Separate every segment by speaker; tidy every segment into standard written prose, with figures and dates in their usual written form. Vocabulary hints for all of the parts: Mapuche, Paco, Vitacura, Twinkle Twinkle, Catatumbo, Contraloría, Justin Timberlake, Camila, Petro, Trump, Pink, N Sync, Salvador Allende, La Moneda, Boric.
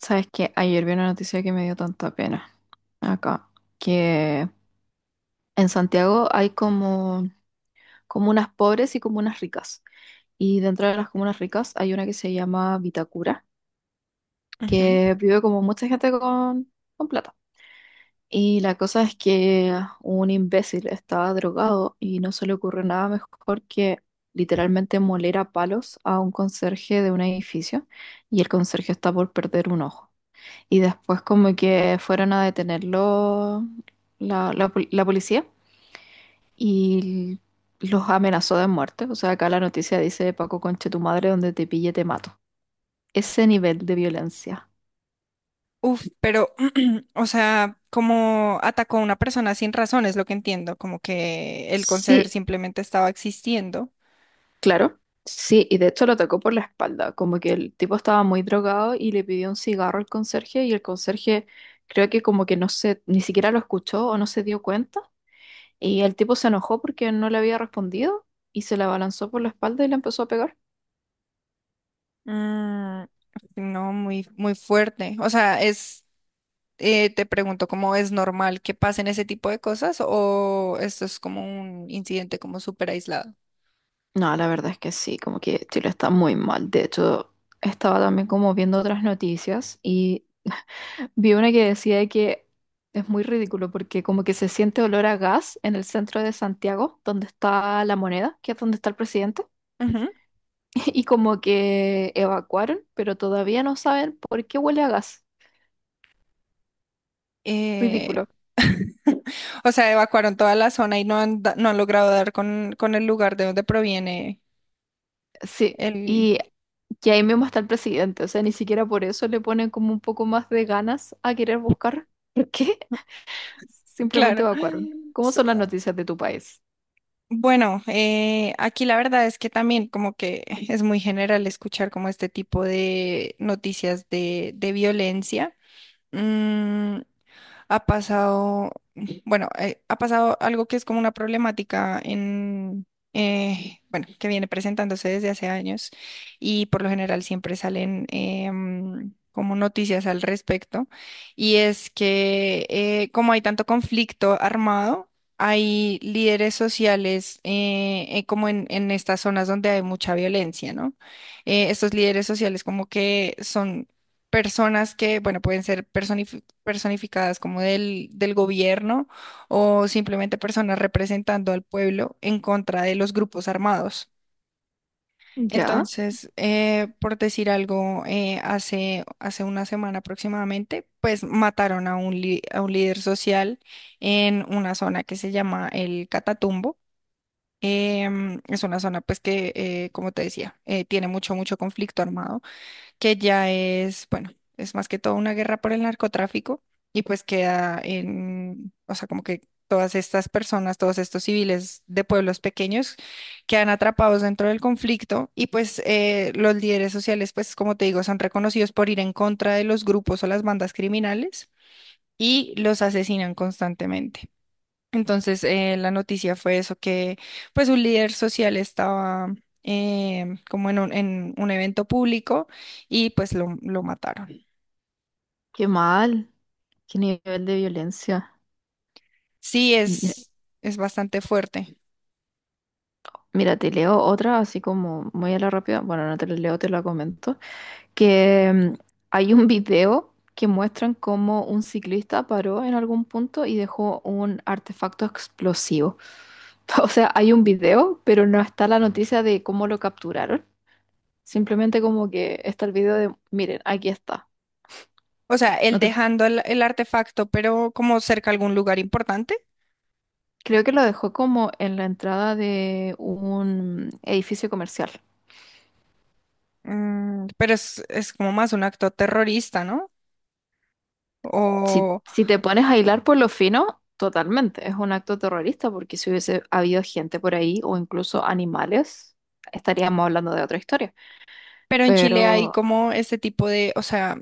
Speaker 1: Sabes que ayer vi una noticia que me dio tanta pena acá, que en Santiago hay como comunas pobres y comunas ricas. Y dentro de las comunas ricas hay una que se llama Vitacura,
Speaker 2: Ujú.
Speaker 1: que vive como mucha gente con plata. Y la cosa es que un imbécil estaba drogado y no se le ocurre nada mejor que literalmente moler a palos a un conserje de un edificio y el conserje está por perder un ojo. Y después como que fueron a detenerlo la policía y los amenazó de muerte. O sea, acá la noticia dice, Paco, conche tu madre, donde te pille te mato. Ese nivel de violencia.
Speaker 2: Uf, pero, o sea, como atacó a una persona sin razón, es lo que entiendo, como que el conserje
Speaker 1: Sí,
Speaker 2: simplemente estaba existiendo.
Speaker 1: claro. Sí, y de hecho lo atacó por la espalda, como que el tipo estaba muy drogado y le pidió un cigarro al conserje y el conserje creo que como que no se, ni siquiera lo escuchó o no se dio cuenta y el tipo se enojó porque no le había respondido y se le abalanzó por la espalda y le empezó a pegar.
Speaker 2: Mm, no, muy fuerte. O sea, te pregunto, ¿cómo es normal que pasen ese tipo de cosas o esto es como un incidente como súper aislado?
Speaker 1: No, la verdad es que sí, como que Chile está muy mal. De hecho, estaba también como viendo otras noticias y vi una que decía que es muy ridículo porque como que se siente olor a gas en el centro de Santiago, donde está la moneda, que es donde está el presidente,
Speaker 2: Ujú.
Speaker 1: y como que evacuaron, pero todavía no saben por qué huele a gas.
Speaker 2: Eh,
Speaker 1: Ridículo.
Speaker 2: o sea, evacuaron toda la zona y no han logrado dar con el lugar de donde proviene
Speaker 1: Sí,
Speaker 2: el...
Speaker 1: y que ahí mismo está el presidente, o sea, ni siquiera por eso le ponen como un poco más de ganas a querer buscar. ¿Por qué? Simplemente
Speaker 2: Claro.
Speaker 1: evacuaron. ¿Cómo son las noticias de tu país?
Speaker 2: Bueno, aquí la verdad es que también como que es muy general escuchar como este tipo de noticias de violencia. Mm, ha ha pasado algo que es como una problemática en, bueno, que viene presentándose desde hace años y por lo general siempre salen como noticias al respecto y es que como hay tanto conflicto armado, hay líderes sociales en estas zonas donde hay mucha violencia, ¿no? Estos líderes sociales como que son personas que, bueno, pueden ser personas personificadas como del gobierno o simplemente personas representando al pueblo en contra de los grupos armados.
Speaker 1: Ya,
Speaker 2: Entonces, por decir algo, hace una semana aproximadamente, pues mataron a a un líder social en una zona que se llama el Catatumbo. Em, es una zona pues que, como te decía, tiene mucho conflicto armado que ya es, bueno, es más que todo una guerra por el narcotráfico y pues queda en, o sea, como que todas estas personas, todos estos civiles de pueblos pequeños quedan atrapados dentro del conflicto y pues los líderes sociales, pues como te digo, son reconocidos por ir en contra de los grupos o las bandas criminales y los asesinan constantemente. Entonces, la noticia fue eso, que pues un líder social estaba como en en un evento público y pues lo mataron.
Speaker 1: qué mal, qué nivel de violencia.
Speaker 2: Sí,
Speaker 1: Mira,
Speaker 2: es bastante fuerte.
Speaker 1: mira, te leo otra así como muy a la rápida. Bueno, no te la leo, te la comento. Que hay un video que muestran cómo un ciclista paró en algún punto y dejó un artefacto explosivo. O sea, hay un video, pero no está la noticia de cómo lo capturaron. Simplemente como que está el video de, miren, aquí está.
Speaker 2: O sea,
Speaker 1: No
Speaker 2: él
Speaker 1: te
Speaker 2: dejando el artefacto, pero como cerca a algún lugar importante.
Speaker 1: Creo que lo dejó como en la entrada de un edificio comercial.
Speaker 2: Mm, pero es como más un acto terrorista, ¿no?
Speaker 1: Si,
Speaker 2: O
Speaker 1: si te pones a hilar por lo fino, totalmente, es un acto terrorista porque si hubiese habido gente por ahí o incluso animales, estaríamos hablando de otra historia.
Speaker 2: pero en Chile hay
Speaker 1: Pero
Speaker 2: como este tipo de, o sea,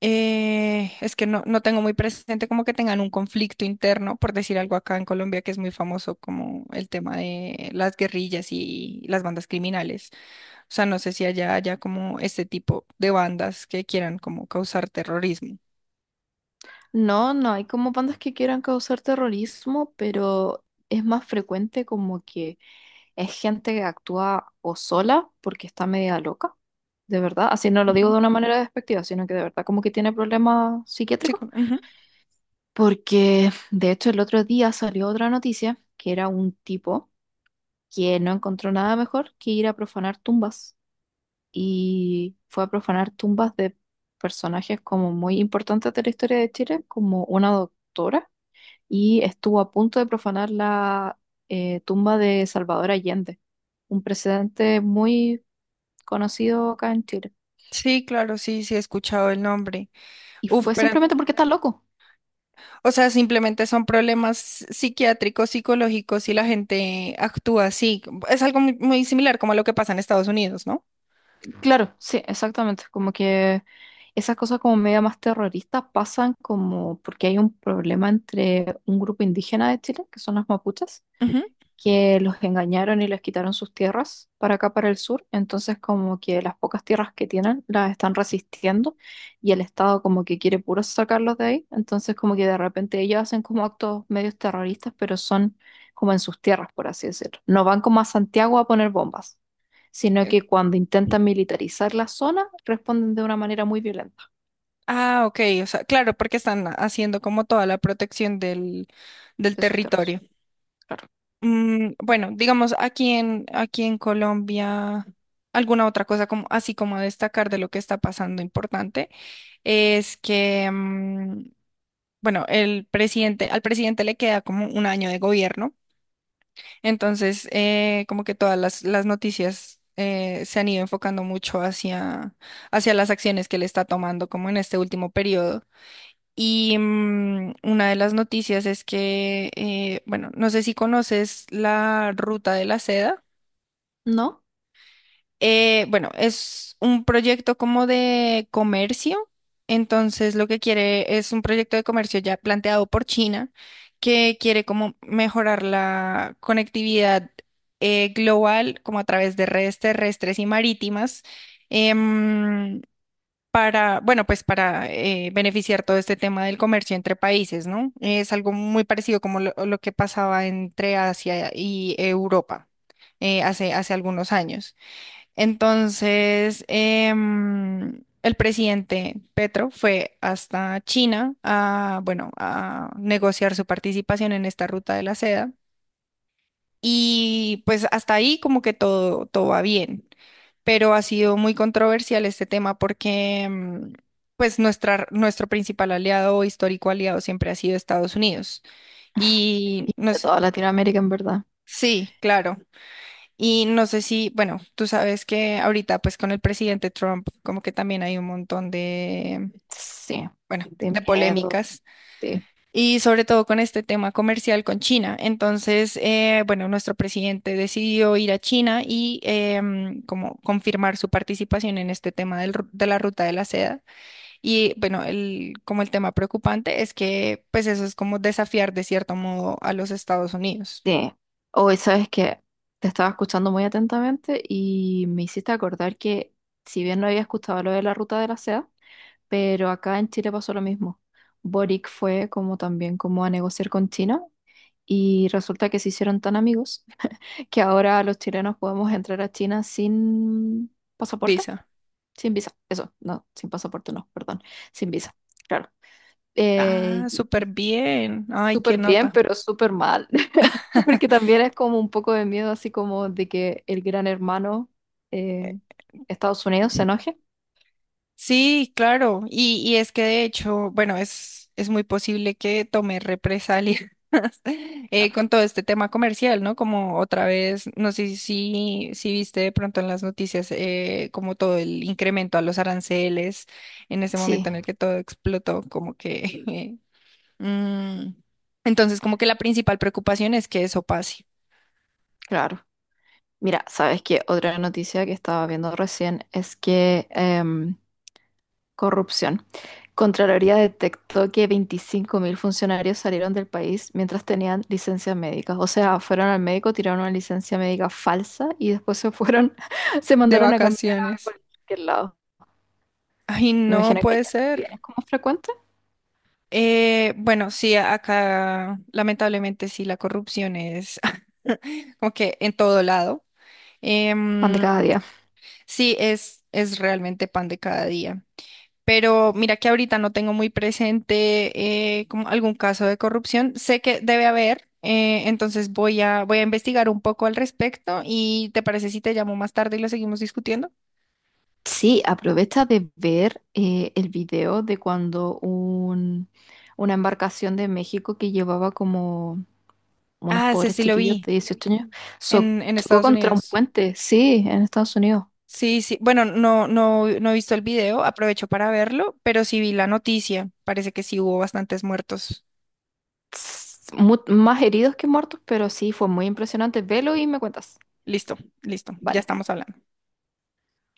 Speaker 2: es que no, no tengo muy presente como que tengan un conflicto interno, por decir algo acá en Colombia, que es muy famoso como el tema de las guerrillas y las bandas criminales. O sea, no sé si allá haya como este tipo de bandas que quieran como causar terrorismo.
Speaker 1: no, no hay como bandas que quieran causar terrorismo, pero es más frecuente como que es gente que actúa o sola porque está media loca, de verdad. Así no lo digo
Speaker 2: Ujú.
Speaker 1: de una manera despectiva, sino que de verdad como que tiene problemas
Speaker 2: Sí,
Speaker 1: psiquiátricos.
Speaker 2: co- ujú.
Speaker 1: Porque de hecho el otro día salió otra noticia que era un tipo que no encontró nada mejor que ir a profanar tumbas y fue a profanar tumbas de personajes como muy importantes de la historia de Chile, como una doctora, y estuvo a punto de profanar la tumba de Salvador Allende, un presidente muy conocido acá en Chile.
Speaker 2: Sí, claro, sí, sí he escuchado el nombre.
Speaker 1: Y
Speaker 2: Uf,
Speaker 1: fue
Speaker 2: pero
Speaker 1: simplemente porque está loco.
Speaker 2: o sea, simplemente son problemas psiquiátricos, psicológicos y la gente actúa así. Es algo muy similar como a lo que pasa en Estados Unidos, ¿no?
Speaker 1: Claro, sí, exactamente. Como que esas cosas como media más terroristas pasan como porque hay un problema entre un grupo indígena de Chile, que son las mapuches,
Speaker 2: Ujú.
Speaker 1: que los engañaron y les quitaron sus tierras para acá, para el sur. Entonces, como que las pocas tierras que tienen las están resistiendo y el Estado como que quiere puro sacarlos de ahí. Entonces, como que de repente ellos hacen como actos medios terroristas, pero son como en sus tierras, por así decirlo. No van como a Santiago a poner bombas, sino
Speaker 2: Eh,
Speaker 1: que cuando intentan militarizar la zona, responden de una manera muy violenta
Speaker 2: Ah, ok. O sea, claro, porque están haciendo como toda la protección del
Speaker 1: de sus tierras.
Speaker 2: territorio.
Speaker 1: Claro.
Speaker 2: Mm, bueno, digamos, aquí en Colombia, alguna otra cosa como, así como a destacar de lo que está pasando importante es que, mm, bueno, al presidente le queda como un año de gobierno. Entonces, como que todas las noticias se han ido enfocando mucho hacia las acciones que él está tomando, como en este último periodo. Y mm, una de las noticias es que, bueno, no sé si conoces la ruta de la seda.
Speaker 1: ¿No?
Speaker 2: Bueno, es un proyecto como de comercio. Entonces, lo que quiere es un proyecto de comercio ya planteado por China, que quiere como mejorar la conectividad global, como a través de redes terrestres y marítimas, em, para, bueno, pues para beneficiar todo este tema del comercio entre países, ¿no? Es algo muy parecido como lo que pasaba entre Asia y Europa hace algunos años. Entonces, em, el presidente Petro fue hasta China a, bueno, a negociar su participación en esta ruta de la seda. Y pues hasta ahí como que todo, todo va bien. Pero ha sido muy controversial este tema porque mm, pues nuestro principal aliado o histórico aliado siempre ha sido Estados Unidos. Y
Speaker 1: Y
Speaker 2: no
Speaker 1: de
Speaker 2: sé,
Speaker 1: toda Latinoamérica, en verdad.
Speaker 2: sí, claro. Y no sé si, bueno, tú sabes que ahorita pues con el presidente Trump como que también hay un montón de,
Speaker 1: Sí.
Speaker 2: bueno,
Speaker 1: De
Speaker 2: de
Speaker 1: miedo.
Speaker 2: polémicas
Speaker 1: Sí.
Speaker 2: y sobre todo con este tema comercial con China. Entonces, bueno, nuestro presidente decidió ir a China y em, como confirmar su participación en este tema de la ruta de la seda. Y bueno, como el tema preocupante es que pues eso es como desafiar de cierto modo a los Estados Unidos.
Speaker 1: Sí, hoy sabes que te estaba escuchando muy atentamente y me hiciste acordar que si bien no había escuchado lo de la ruta de la seda, pero acá en Chile pasó lo mismo. Boric fue como también como a negociar con China y resulta que se hicieron tan amigos que ahora los chilenos podemos entrar a China sin pasaporte,
Speaker 2: Visa.
Speaker 1: sin visa, eso, no, sin pasaporte no, perdón, sin visa, claro.
Speaker 2: Ah,
Speaker 1: Y,
Speaker 2: súper bien. Ay, qué
Speaker 1: súper bien,
Speaker 2: nota.
Speaker 1: pero súper mal. Porque también es como un poco de miedo, así como de que el gran hermano eh, Estados Unidos se enoje.
Speaker 2: Sí, claro. Y es que de hecho, bueno, es muy posible que tome represalias
Speaker 1: Claro.
Speaker 2: con todo este tema comercial, ¿no? Como otra vez, no sé si, si viste de pronto en las noticias como todo el incremento a los aranceles en ese
Speaker 1: Sí,
Speaker 2: momento en el que todo explotó, como que... eh, mm. Entonces, como que la principal preocupación es que eso pase
Speaker 1: claro. Mira, ¿sabes qué? Otra noticia que estaba viendo recién es que corrupción. Contraloría detectó que 25.000 funcionarios salieron del país mientras tenían licencias médicas. O sea, fueron al médico, tiraron una licencia médica falsa y después se fueron, se
Speaker 2: de
Speaker 1: mandaron a cambiar a
Speaker 2: vacaciones.
Speaker 1: cualquier lado.
Speaker 2: Ay,
Speaker 1: Me
Speaker 2: no
Speaker 1: imagino que
Speaker 2: puede
Speaker 1: allá también
Speaker 2: ser.
Speaker 1: es como frecuente.
Speaker 2: Bueno, sí, a- acá lamentablemente sí, la corrupción es como que en todo lado.
Speaker 1: Pan de
Speaker 2: Em,
Speaker 1: cada día.
Speaker 2: sí, es realmente pan de cada día. Pero mira que ahorita no tengo muy presente como algún caso de corrupción. Sé que debe haber, entonces voy a investigar un poco al respecto y ¿te parece si te llamo más tarde y lo seguimos discutiendo?
Speaker 1: Sí, aprovecha de ver el video de cuando una embarcación de México que llevaba como unos
Speaker 2: Ah, ese
Speaker 1: pobres
Speaker 2: sí lo
Speaker 1: chiquillos
Speaker 2: vi
Speaker 1: de 18 años
Speaker 2: en
Speaker 1: chocó
Speaker 2: Estados
Speaker 1: contra un
Speaker 2: Unidos.
Speaker 1: puente, sí, en Estados Unidos.
Speaker 2: Sí, sí. Bueno, no he visto el video, aprovecho para verlo, pero sí vi la noticia. Parece que sí hubo bastantes muertos.
Speaker 1: Tss, más heridos que muertos, pero sí, fue muy impresionante. Velo y me cuentas.
Speaker 2: Listo, listo, ya
Speaker 1: Vale.
Speaker 2: estamos hablando.